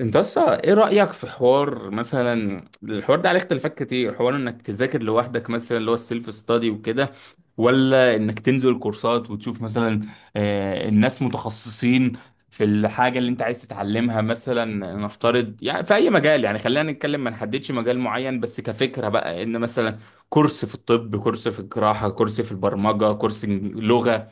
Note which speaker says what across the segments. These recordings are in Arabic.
Speaker 1: انت اصلا ايه رأيك في حوار مثلا؟ الحوار ده عليه اختلافات كتير، حوار انك تذاكر لوحدك مثلا اللي هو السيلف ستادي وكده، ولا انك تنزل كورسات وتشوف مثلا الناس متخصصين في الحاجة اللي انت عايز تتعلمها مثلا؟ نفترض يعني في اي مجال، يعني خلينا نتكلم ما نحددش مجال معين، بس كفكرة بقى ان مثلا كورس في الطب، كورس في الجراحة، كورس في البرمجة، كورس لغة.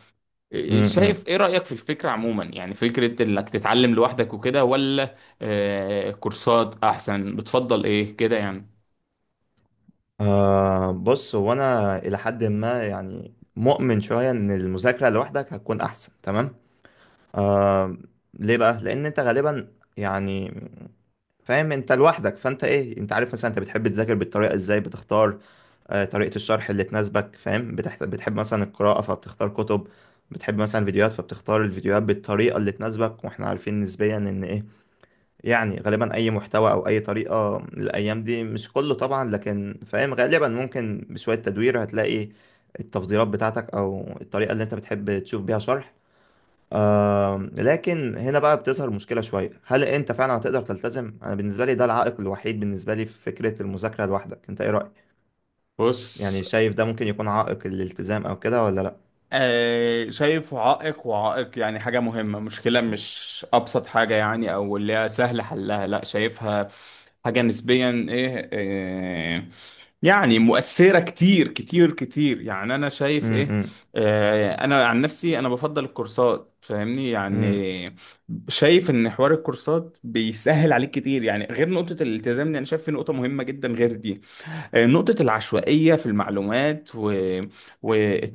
Speaker 1: شايف
Speaker 2: امم
Speaker 1: ايه رأيك في الفكرة عموما؟ يعني فكرة انك تتعلم لوحدك وكده، ولا كورسات احسن؟ بتفضل ايه كده يعني؟
Speaker 2: بص، هو انا الى حد ما يعني مؤمن شويه ان المذاكره لوحدك هتكون احسن. تمام. آه ليه بقى؟ لان انت غالبا يعني فاهم انت لوحدك، فانت ايه، انت عارف مثلا انت بتحب تذاكر بالطريقه ازاي، بتختار طريقه الشرح اللي تناسبك، فاهم. بتحب مثلا القراءه فبتختار كتب. بتحب مثلا فيديوهات فبتختار الفيديوهات بالطريقه اللي تناسبك، واحنا عارفين نسبيا ان ايه، يعني غالبا اي محتوى او اي طريقه الايام دي، مش كله طبعا، لكن فاهم غالبا ممكن بشويه تدوير هتلاقي التفضيلات بتاعتك، او الطريقه اللي انت بتحب تشوف بيها شرح. لكن هنا بقى بتظهر مشكله شويه، هل انت فعلا هتقدر تلتزم؟ انا بالنسبه لي ده العائق الوحيد بالنسبه لي في فكره المذاكره لوحدك، انت ايه رايك؟
Speaker 1: بص،
Speaker 2: يعني شايف ده ممكن يكون عائق الالتزام او كده ولا لا؟
Speaker 1: شايفه عائق، وعائق يعني حاجة مهمة، مشكلة مش أبسط حاجة يعني أو اللي هي سهل حلها. لا، شايفها حاجة نسبيا إيه، يعني مؤثرة كتير كتير كتير يعني. أنا شايف إيه،
Speaker 2: امم
Speaker 1: أنا عن نفسي أنا بفضل الكورسات، فاهمني يعني؟ شايف إن حوار الكورسات بيسهل عليك كتير يعني. غير نقطة الالتزام دي أنا شايف في نقطة مهمة جدا غير دي، نقطة العشوائية في المعلومات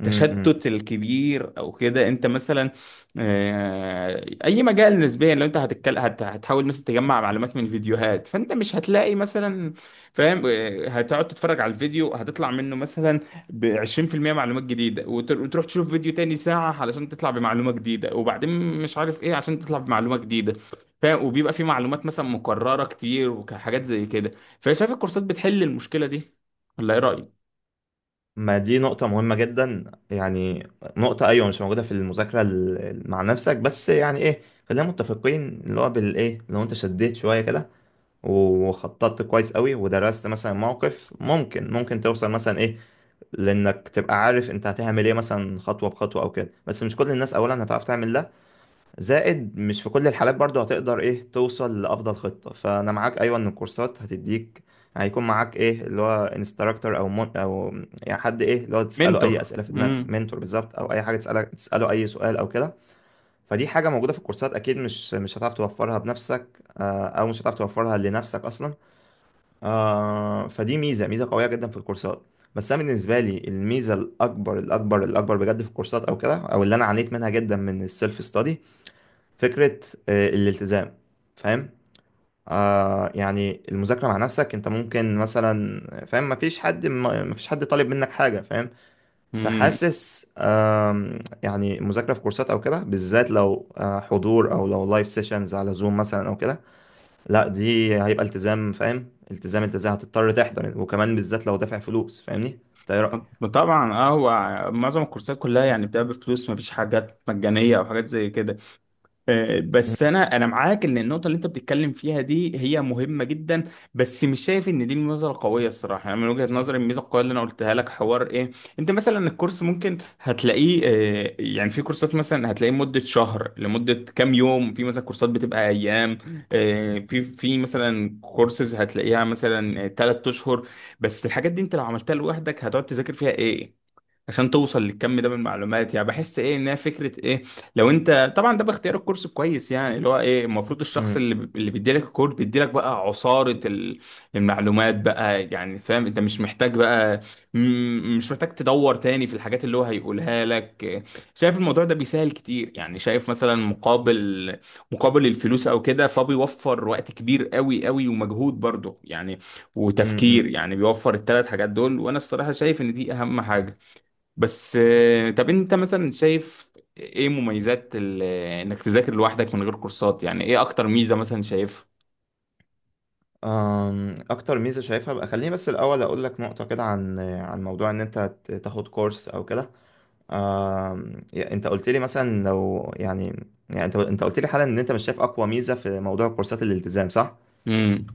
Speaker 2: امم
Speaker 1: الكبير أو كده. أنت مثلا أي مجال نسبيا لو أنت هتتكلم هتحاول مثلا تجمع معلومات من فيديوهات، فأنت مش هتلاقي مثلا فاهم. هتقعد تتفرج على الفيديو، هتطلع منه مثلا ب 20% معلومات جديدة، وتروح تشوف فيديو تاني ساعة علشان تطلع بمعلومة جديدة، وبعدين مش عارف إيه عشان تطلع بمعلومة جديدة فاهم. وبيبقى في معلومات مثلا مكررة كتير وحاجات زي كده. فشايف الكورسات بتحل المشكلة دي، ولا ايه رأيك؟
Speaker 2: ما دي نقطة مهمة جدا يعني. نقطة، أيوة، مش موجودة في المذاكرة مع نفسك، بس يعني إيه، خلينا متفقين اللي هو بالإيه، لو أنت شديت شوية كده وخططت كويس قوي ودرست، مثلا موقف، ممكن توصل مثلا إيه، لأنك تبقى عارف أنت هتعمل إيه مثلا، خطوة بخطوة أو كده، بس مش كل الناس أولا هتعرف تعمل ده. زائد مش في كل الحالات برضو هتقدر ايه توصل لأفضل خطة. فأنا معاك أيوة، إن الكورسات هتديك، هيكون معاك ايه اللي هو انستراكتور او مون او يعني حد ايه اللي هو تسأله أي
Speaker 1: منتور.
Speaker 2: أسئلة في دماغك،
Speaker 1: امم.
Speaker 2: منتور بالظبط، أو أي حاجة تسألك تسأله أي سؤال أو كده. فدي حاجة موجودة في الكورسات أكيد، مش هتعرف توفرها بنفسك. أو مش هتعرف توفرها لنفسك أصلا. فدي ميزة ميزة قوية جدا في الكورسات. بس انا بالنسبه لي الميزه الاكبر الاكبر الاكبر بجد في الكورسات او كده، او اللي انا عانيت منها جدا من السيلف ستادي، فكرة الالتزام، فاهم. يعني المذاكرة مع نفسك انت ممكن مثلا فاهم مفيش حد ما- مفيش حد طالب منك حاجة، فاهم.
Speaker 1: امم.
Speaker 2: فحاسس، يعني المذاكرة في كورسات او كده بالذات لو حضور، او لو لايف سيشنز على زوم مثلا او كده، لا دي هيبقى التزام، فاهم، التزام التزام، هتضطر تحضر، وكمان بالذات لو دافع فلوس فاهمني. ده، ايه
Speaker 1: طبعا اه. هو معظم الكورسات كلها يعني بتبقى بفلوس، مفيش حاجات مجانية او حاجات زي كده. بس انا معاك ان النقطه اللي انت بتتكلم فيها دي هي مهمه جدا، بس مش شايف ان دي النظره القويه الصراحه. يعني من وجهه نظري الميزه القويه اللي انا قلتها لك حوار ايه، انت مثلا الكورس ممكن هتلاقيه يعني في كورسات مثلا هتلاقيه مده شهر، لمده كام يوم في مثلا كورسات بتبقى ايام، في مثلا كورسز هتلاقيها مثلا 3 اشهر. بس الحاجات دي انت لو عملتها لوحدك هتقعد تذاكر فيها ايه عشان توصل للكم ده من المعلومات؟ يعني بحس ايه انها فكره ايه. لو انت طبعا ده باختيار الكورس كويس، يعني اللي هو ايه، المفروض الشخص اللي بيديلك الكورس بيديلك بقى عصاره المعلومات بقى، يعني فاهم؟ انت مش محتاج بقى، مش محتاج تدور تاني في الحاجات اللي هو هيقولها لك. شايف الموضوع ده بيسهل كتير يعني، شايف مثلا مقابل، مقابل الفلوس او كده، فبيوفر وقت كبير قوي قوي ومجهود برضه يعني، وتفكير،
Speaker 2: رأيك؟
Speaker 1: يعني بيوفر الثلاث حاجات دول، وانا الصراحه شايف ان دي اهم حاجه. بس طب انت مثلا شايف ايه مميزات انك تذاكر لوحدك من غير كورسات؟ يعني ايه اكتر ميزة مثلا شايفها؟
Speaker 2: اكتر ميزه شايفها بقى، خليني بس الاول اقول لك نقطه كده عن موضوع ان انت تاخد كورس او كده. انت قلت لي مثلا، لو يعني انت قلت لي حالا ان انت مش شايف اقوى ميزه في موضوع كورسات الالتزام، صح؟
Speaker 1: امم.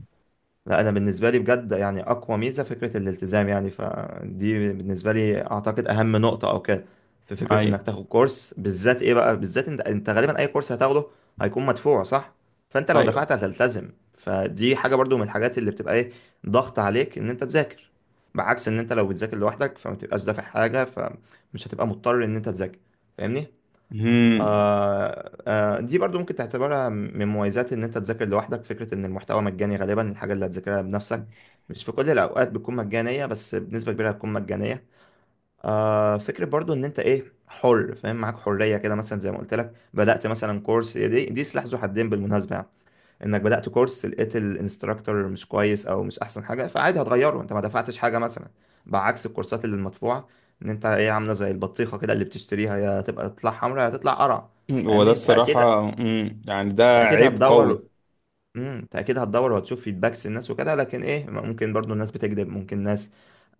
Speaker 2: لا، انا بالنسبه لي بجد يعني اقوى ميزه فكره الالتزام، يعني فدي بالنسبه لي اعتقد اهم نقطه او كده في فكره
Speaker 1: ايوه.
Speaker 2: انك تاخد كورس، بالذات ايه بقى، بالذات انت غالبا اي كورس هتاخده هيكون مدفوع، صح؟ فانت لو
Speaker 1: ايوه.
Speaker 2: دفعت هتلتزم، فدي حاجه برضو من الحاجات اللي بتبقى ايه، ضغط عليك ان انت تذاكر. بعكس ان انت لو بتذاكر لوحدك، فما تبقاش دافع حاجه، فمش هتبقى مضطر ان انت تذاكر. فاهمني.
Speaker 1: امم.
Speaker 2: دي برضو ممكن تعتبرها من مميزات ان انت تذاكر لوحدك، فكرة ان المحتوى مجاني غالبا. الحاجة اللي هتذاكرها بنفسك مش في كل الاوقات بتكون مجانية، بس بنسبة كبيرة هتكون مجانية. فكرة برضو ان انت ايه، حر، فاهم، معاك حرية كده مثلا، زي ما قلت لك بدأت مثلا كورس. هي دي سلاح ذو حدين بالمناسبة يعني، انك بدأت كورس لقيت الانستراكتور مش كويس او مش احسن حاجة، فعادي هتغيره، انت ما دفعتش حاجة مثلا، بعكس الكورسات اللي المدفوعة. ان انت ايه عاملة زي البطيخة كده، اللي بتشتريها يا تبقى تطلع حمرا يا تطلع قرع.
Speaker 1: هو ده
Speaker 2: فاهمني،
Speaker 1: الصراحة، امم، يعني ده
Speaker 2: انت اكيد
Speaker 1: عيب
Speaker 2: هتدور
Speaker 1: قوي.
Speaker 2: انت اكيد هتدور وهتشوف فيدباكس الناس وكده، لكن ايه ممكن برضو الناس بتكذب، ممكن ناس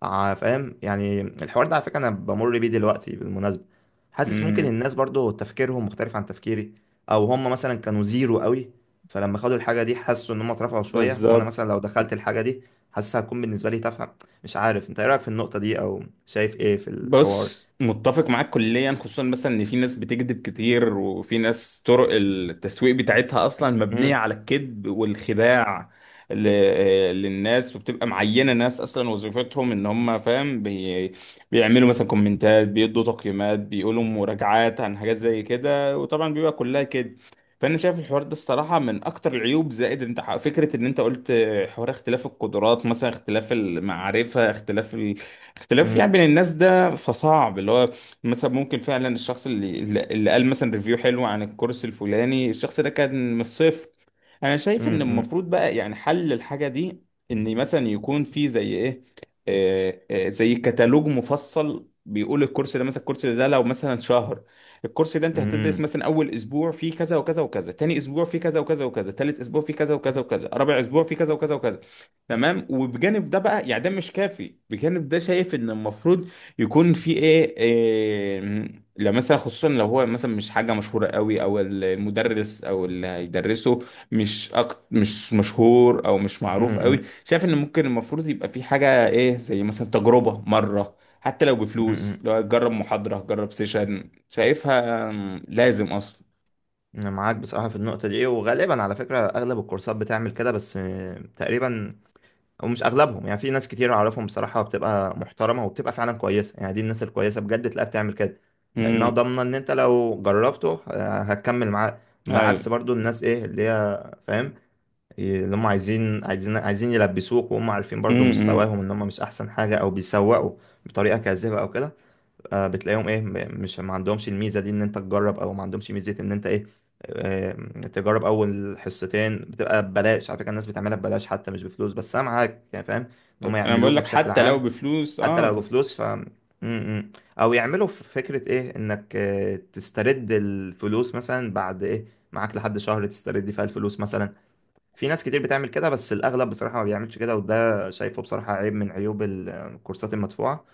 Speaker 2: فاهم يعني الحوار ده على فكره انا بمر بيه دلوقتي بالمناسبه. حاسس ممكن
Speaker 1: امم.
Speaker 2: الناس برضو تفكيرهم مختلف عن تفكيري، او هم مثلا كانوا زيرو قوي فلما خدوا الحاجه دي حسوا ان هم اترفعوا شويه، وانا
Speaker 1: بالظبط.
Speaker 2: مثلا لو دخلت الحاجه دي حاسسها هتكون بالنسبه لي تافهه. مش عارف، انت ايه رايك في النقطه دي، او شايف ايه في الحوار؟
Speaker 1: بص، متفق معاك كليا، خصوصا مثلا ان في ناس بتكذب كتير، وفي ناس طرق التسويق بتاعتها اصلا مبنية
Speaker 2: امم.
Speaker 1: على الكذب والخداع ل- للناس. وبتبقى معينة ناس اصلا وظيفتهم ان هم فاهم، بيعملوا مثلا كومنتات، بيدوا تقييمات، بيقولوا مراجعات عن حاجات زي كده، وطبعا بيبقى كلها كذب. فانا شايف الحوار ده الصراحه من اكتر العيوب. زائد انت فكره ان انت قلت حوار اختلاف القدرات مثلا، اختلاف المعرفه، اختلاف اختلاف
Speaker 2: امم.
Speaker 1: يعني بين الناس ده كده، فصعب اللي هو مثلا ممكن فعلا الشخص اللي، اللي قال مثلا ريفيو حلو عن الكورس الفلاني، الشخص ده كان من الصفر. انا شايف ان
Speaker 2: امم.
Speaker 1: المفروض بقى يعني حل الحاجة دي ان مثلا يكون في زي ايه، زي كتالوج مفصل بيقول الكورس ده، مثلا الكورس ده لو مثلا شهر، الكورس ده انت هتدرس
Speaker 2: امم.
Speaker 1: مثلا اول اسبوع فيه كذا وكذا وكذا، تاني اسبوع فيه كذا وكذا وكذا، تالت اسبوع فيه كذا وكذا وكذا، رابع اسبوع فيه كذا وكذا وكذا. تمام؟ وبجانب ده بقى يعني ده مش كافي، بجانب ده شايف ان المفروض يكون في ايه, إيه، لو مثلا خصوصا لو هو مثلا مش حاجه مشهوره قوي، او المدرس او اللي هيدرسه مش مشهور او مش
Speaker 2: امم.
Speaker 1: معروف
Speaker 2: امم.
Speaker 1: قوي،
Speaker 2: امم.
Speaker 1: شايف ان ممكن المفروض يبقى في حاجه ايه زي مثلا تجربه مره، حتى لو بفلوس،
Speaker 2: امم.
Speaker 1: لو جرب محاضره، جرب سيشن. شايفها مم، لازم اصلا.
Speaker 2: أنا معاك بصراحة في النقطة دي، وغالبا على فكرة أغلب الكورسات بتعمل كده، بس تقريبا، أو مش أغلبهم، يعني في ناس كتير أعرفهم بصراحة بتبقى محترمة وبتبقى فعلا كويسة، يعني دي الناس الكويسة بجد تلاقيها بتعمل كده. لأنها
Speaker 1: امم.
Speaker 2: ضامنة إن أنت لو جربته هتكمل معاه. بعكس
Speaker 1: ايوه.
Speaker 2: برضو الناس، إيه اللي هي، فاهم، اللي هم عايزين عايزين عايزين يلبسوك، وهم عارفين برضو
Speaker 1: امم.
Speaker 2: مستواهم إن هم مش أحسن حاجة أو بيسوقوا بطريقة كاذبة أو كده. بتلاقيهم ايه م- مش ما عندهمش الميزه دي ان انت تجرب، او ما عندهمش ميزه ان انت ايه، آه، تجرب اول حصتين بتبقى ببلاش، على فكره الناس بتعملها ببلاش حتى مش بفلوس، بس انا معاك يعني فاهم ان هم
Speaker 1: انا بقول
Speaker 2: يعملوها
Speaker 1: لك
Speaker 2: بشكل
Speaker 1: حتى لو
Speaker 2: عام.
Speaker 1: بفلوس
Speaker 2: حتى
Speaker 1: اه
Speaker 2: لو بفلوس ف م- م. او يعملوا في فكره ايه، انك تسترد الفلوس مثلا بعد ايه، معاك لحد شهر تسترد فيها الفلوس مثلا. في ناس كتير بتعمل كده بس الاغلب بصراحه ما بيعملش كده، وده شايفه بصراحه عيب من عيوب الكورسات المدفوعه.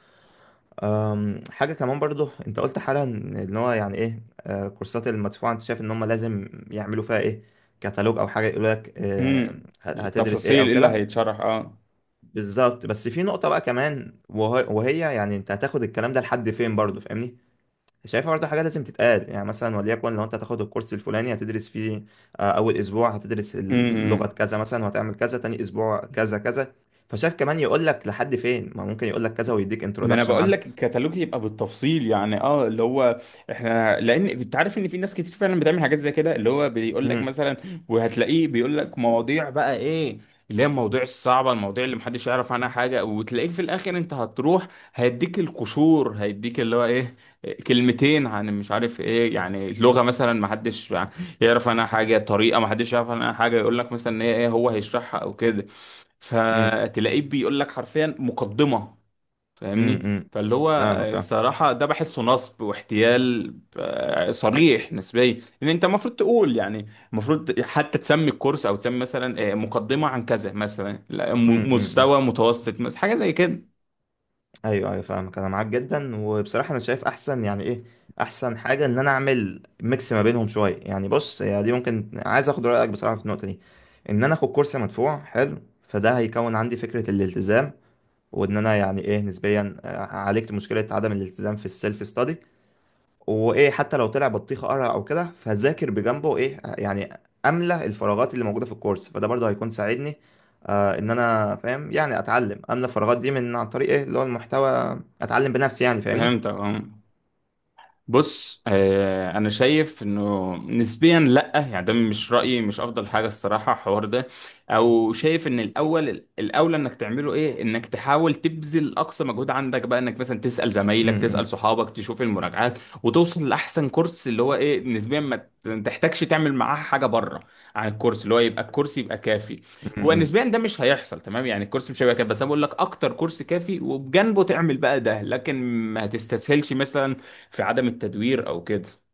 Speaker 2: حاجة كمان برضو، انت قلت حالا إن هو يعني ايه كورسات المدفوعة انت شايف ان هم لازم يعملوا فيها ايه، كتالوج او حاجة يقول لك
Speaker 1: امم.
Speaker 2: هتدرس ايه
Speaker 1: التفاصيل
Speaker 2: او
Speaker 1: ايه اللي
Speaker 2: كده.
Speaker 1: هيتشرح اه.
Speaker 2: بالظبط، بس في نقطة بقى كمان، وهي يعني انت هتاخد الكلام ده لحد فين برضو، فاهمني. شايفها برضو حاجة لازم تتقال يعني، مثلا وليكن لو انت هتاخد الكورس الفلاني هتدرس فيه اول اسبوع هتدرس اللغة
Speaker 1: امم.
Speaker 2: كذا مثلا وهتعمل كذا، تاني اسبوع كذا كذا. فشايف كمان يقول لك لحد فين، ما ممكن يقول لك كذا ويديك
Speaker 1: ما انا
Speaker 2: انترودكشن
Speaker 1: بقول
Speaker 2: عنه.
Speaker 1: لك الكتالوج يبقى بالتفصيل يعني اه اللي هو احنا، لان انت عارف ان في ناس كتير فعلا بتعمل حاجات زي كده، اللي هو بيقول لك
Speaker 2: مم،
Speaker 1: مثلا، وهتلاقيه بيقول لك مواضيع بقى ايه، اللي هي المواضيع الصعبه، المواضيع اللي محدش يعرف عنها حاجه، وتلاقيك في الاخر انت هتروح هيديك القشور، هيديك اللي هو ايه، كلمتين عن مش عارف ايه، يعني لغه مثلا محدش يعرف عنها حاجه، طريقه محدش يعرف عنها حاجه، يقول لك مثلا إن هي ايه هو هيشرحها او كده،
Speaker 2: مم.
Speaker 1: فتلاقيه بيقول لك حرفيا مقدمه.
Speaker 2: امم.
Speaker 1: فاهمني؟
Speaker 2: امم.
Speaker 1: فاللي هو
Speaker 2: فاهمك، فاهم.
Speaker 1: الصراحة ده بحسه نصب واحتيال، صريح نسبيا، لأن أنت المفروض تقول يعني. المفروض حتى تسمي الكورس أو تسمي مثلا مقدمة عن كذا مثلا، لا،
Speaker 2: امم. امم. امم.
Speaker 1: مستوى متوسط مثلا، حاجة زي كده.
Speaker 2: ايوه ايوه، فاهمك، انا معاك جدا، وبصراحه انا شايف احسن يعني ايه، احسن حاجه ان انا اعمل ميكس ما بينهم شويه، يعني بص هي دي ممكن، عايز اخد رايك بصراحه في النقطه دي، ان انا اخد كورس مدفوع حلو، فده هيكون عندي فكره الالتزام، وان انا يعني ايه نسبيا عالجت مشكله عدم الالتزام في السيلف ستادي. وايه، حتى لو طلع بطيخه قرع او كده فذاكر بجنبه ايه يعني، املى الفراغات اللي موجوده في الكورس، فده برضه هيكون ساعدني ان انا فاهم يعني، اتعلم املى الفراغات دي من عن طريق ايه اللي هو المحتوى، اتعلم بنفسي يعني فاهمني.
Speaker 1: فهمت اه. بص، آه انا شايف انه نسبيا لا، يعني ده مش رايي مش افضل حاجه الصراحه الحوار ده، او شايف ان الاول الاولى انك تعمله ايه، انك تحاول تبذل اقصى مجهود عندك بقى، انك مثلا تسال
Speaker 2: م-
Speaker 1: زمايلك، تسال
Speaker 2: م-
Speaker 1: صحابك، تشوف المراجعات، وتوصل لاحسن كورس، اللي هو ايه نسبيا ما تحتاجش تعمل معاه حاجه بره عن الكورس، اللي هو يبقى الكورس يبقى كافي.
Speaker 2: م-
Speaker 1: ونسبيا
Speaker 2: م.
Speaker 1: ده مش هيحصل، تمام؟ يعني الكورس مش هيبقى كافي، بس انا بقول لك اكتر كورس كافي وبجنبه تعمل بقى ده، لكن ما تستسهلش مثلا في عدم التدوير او كده.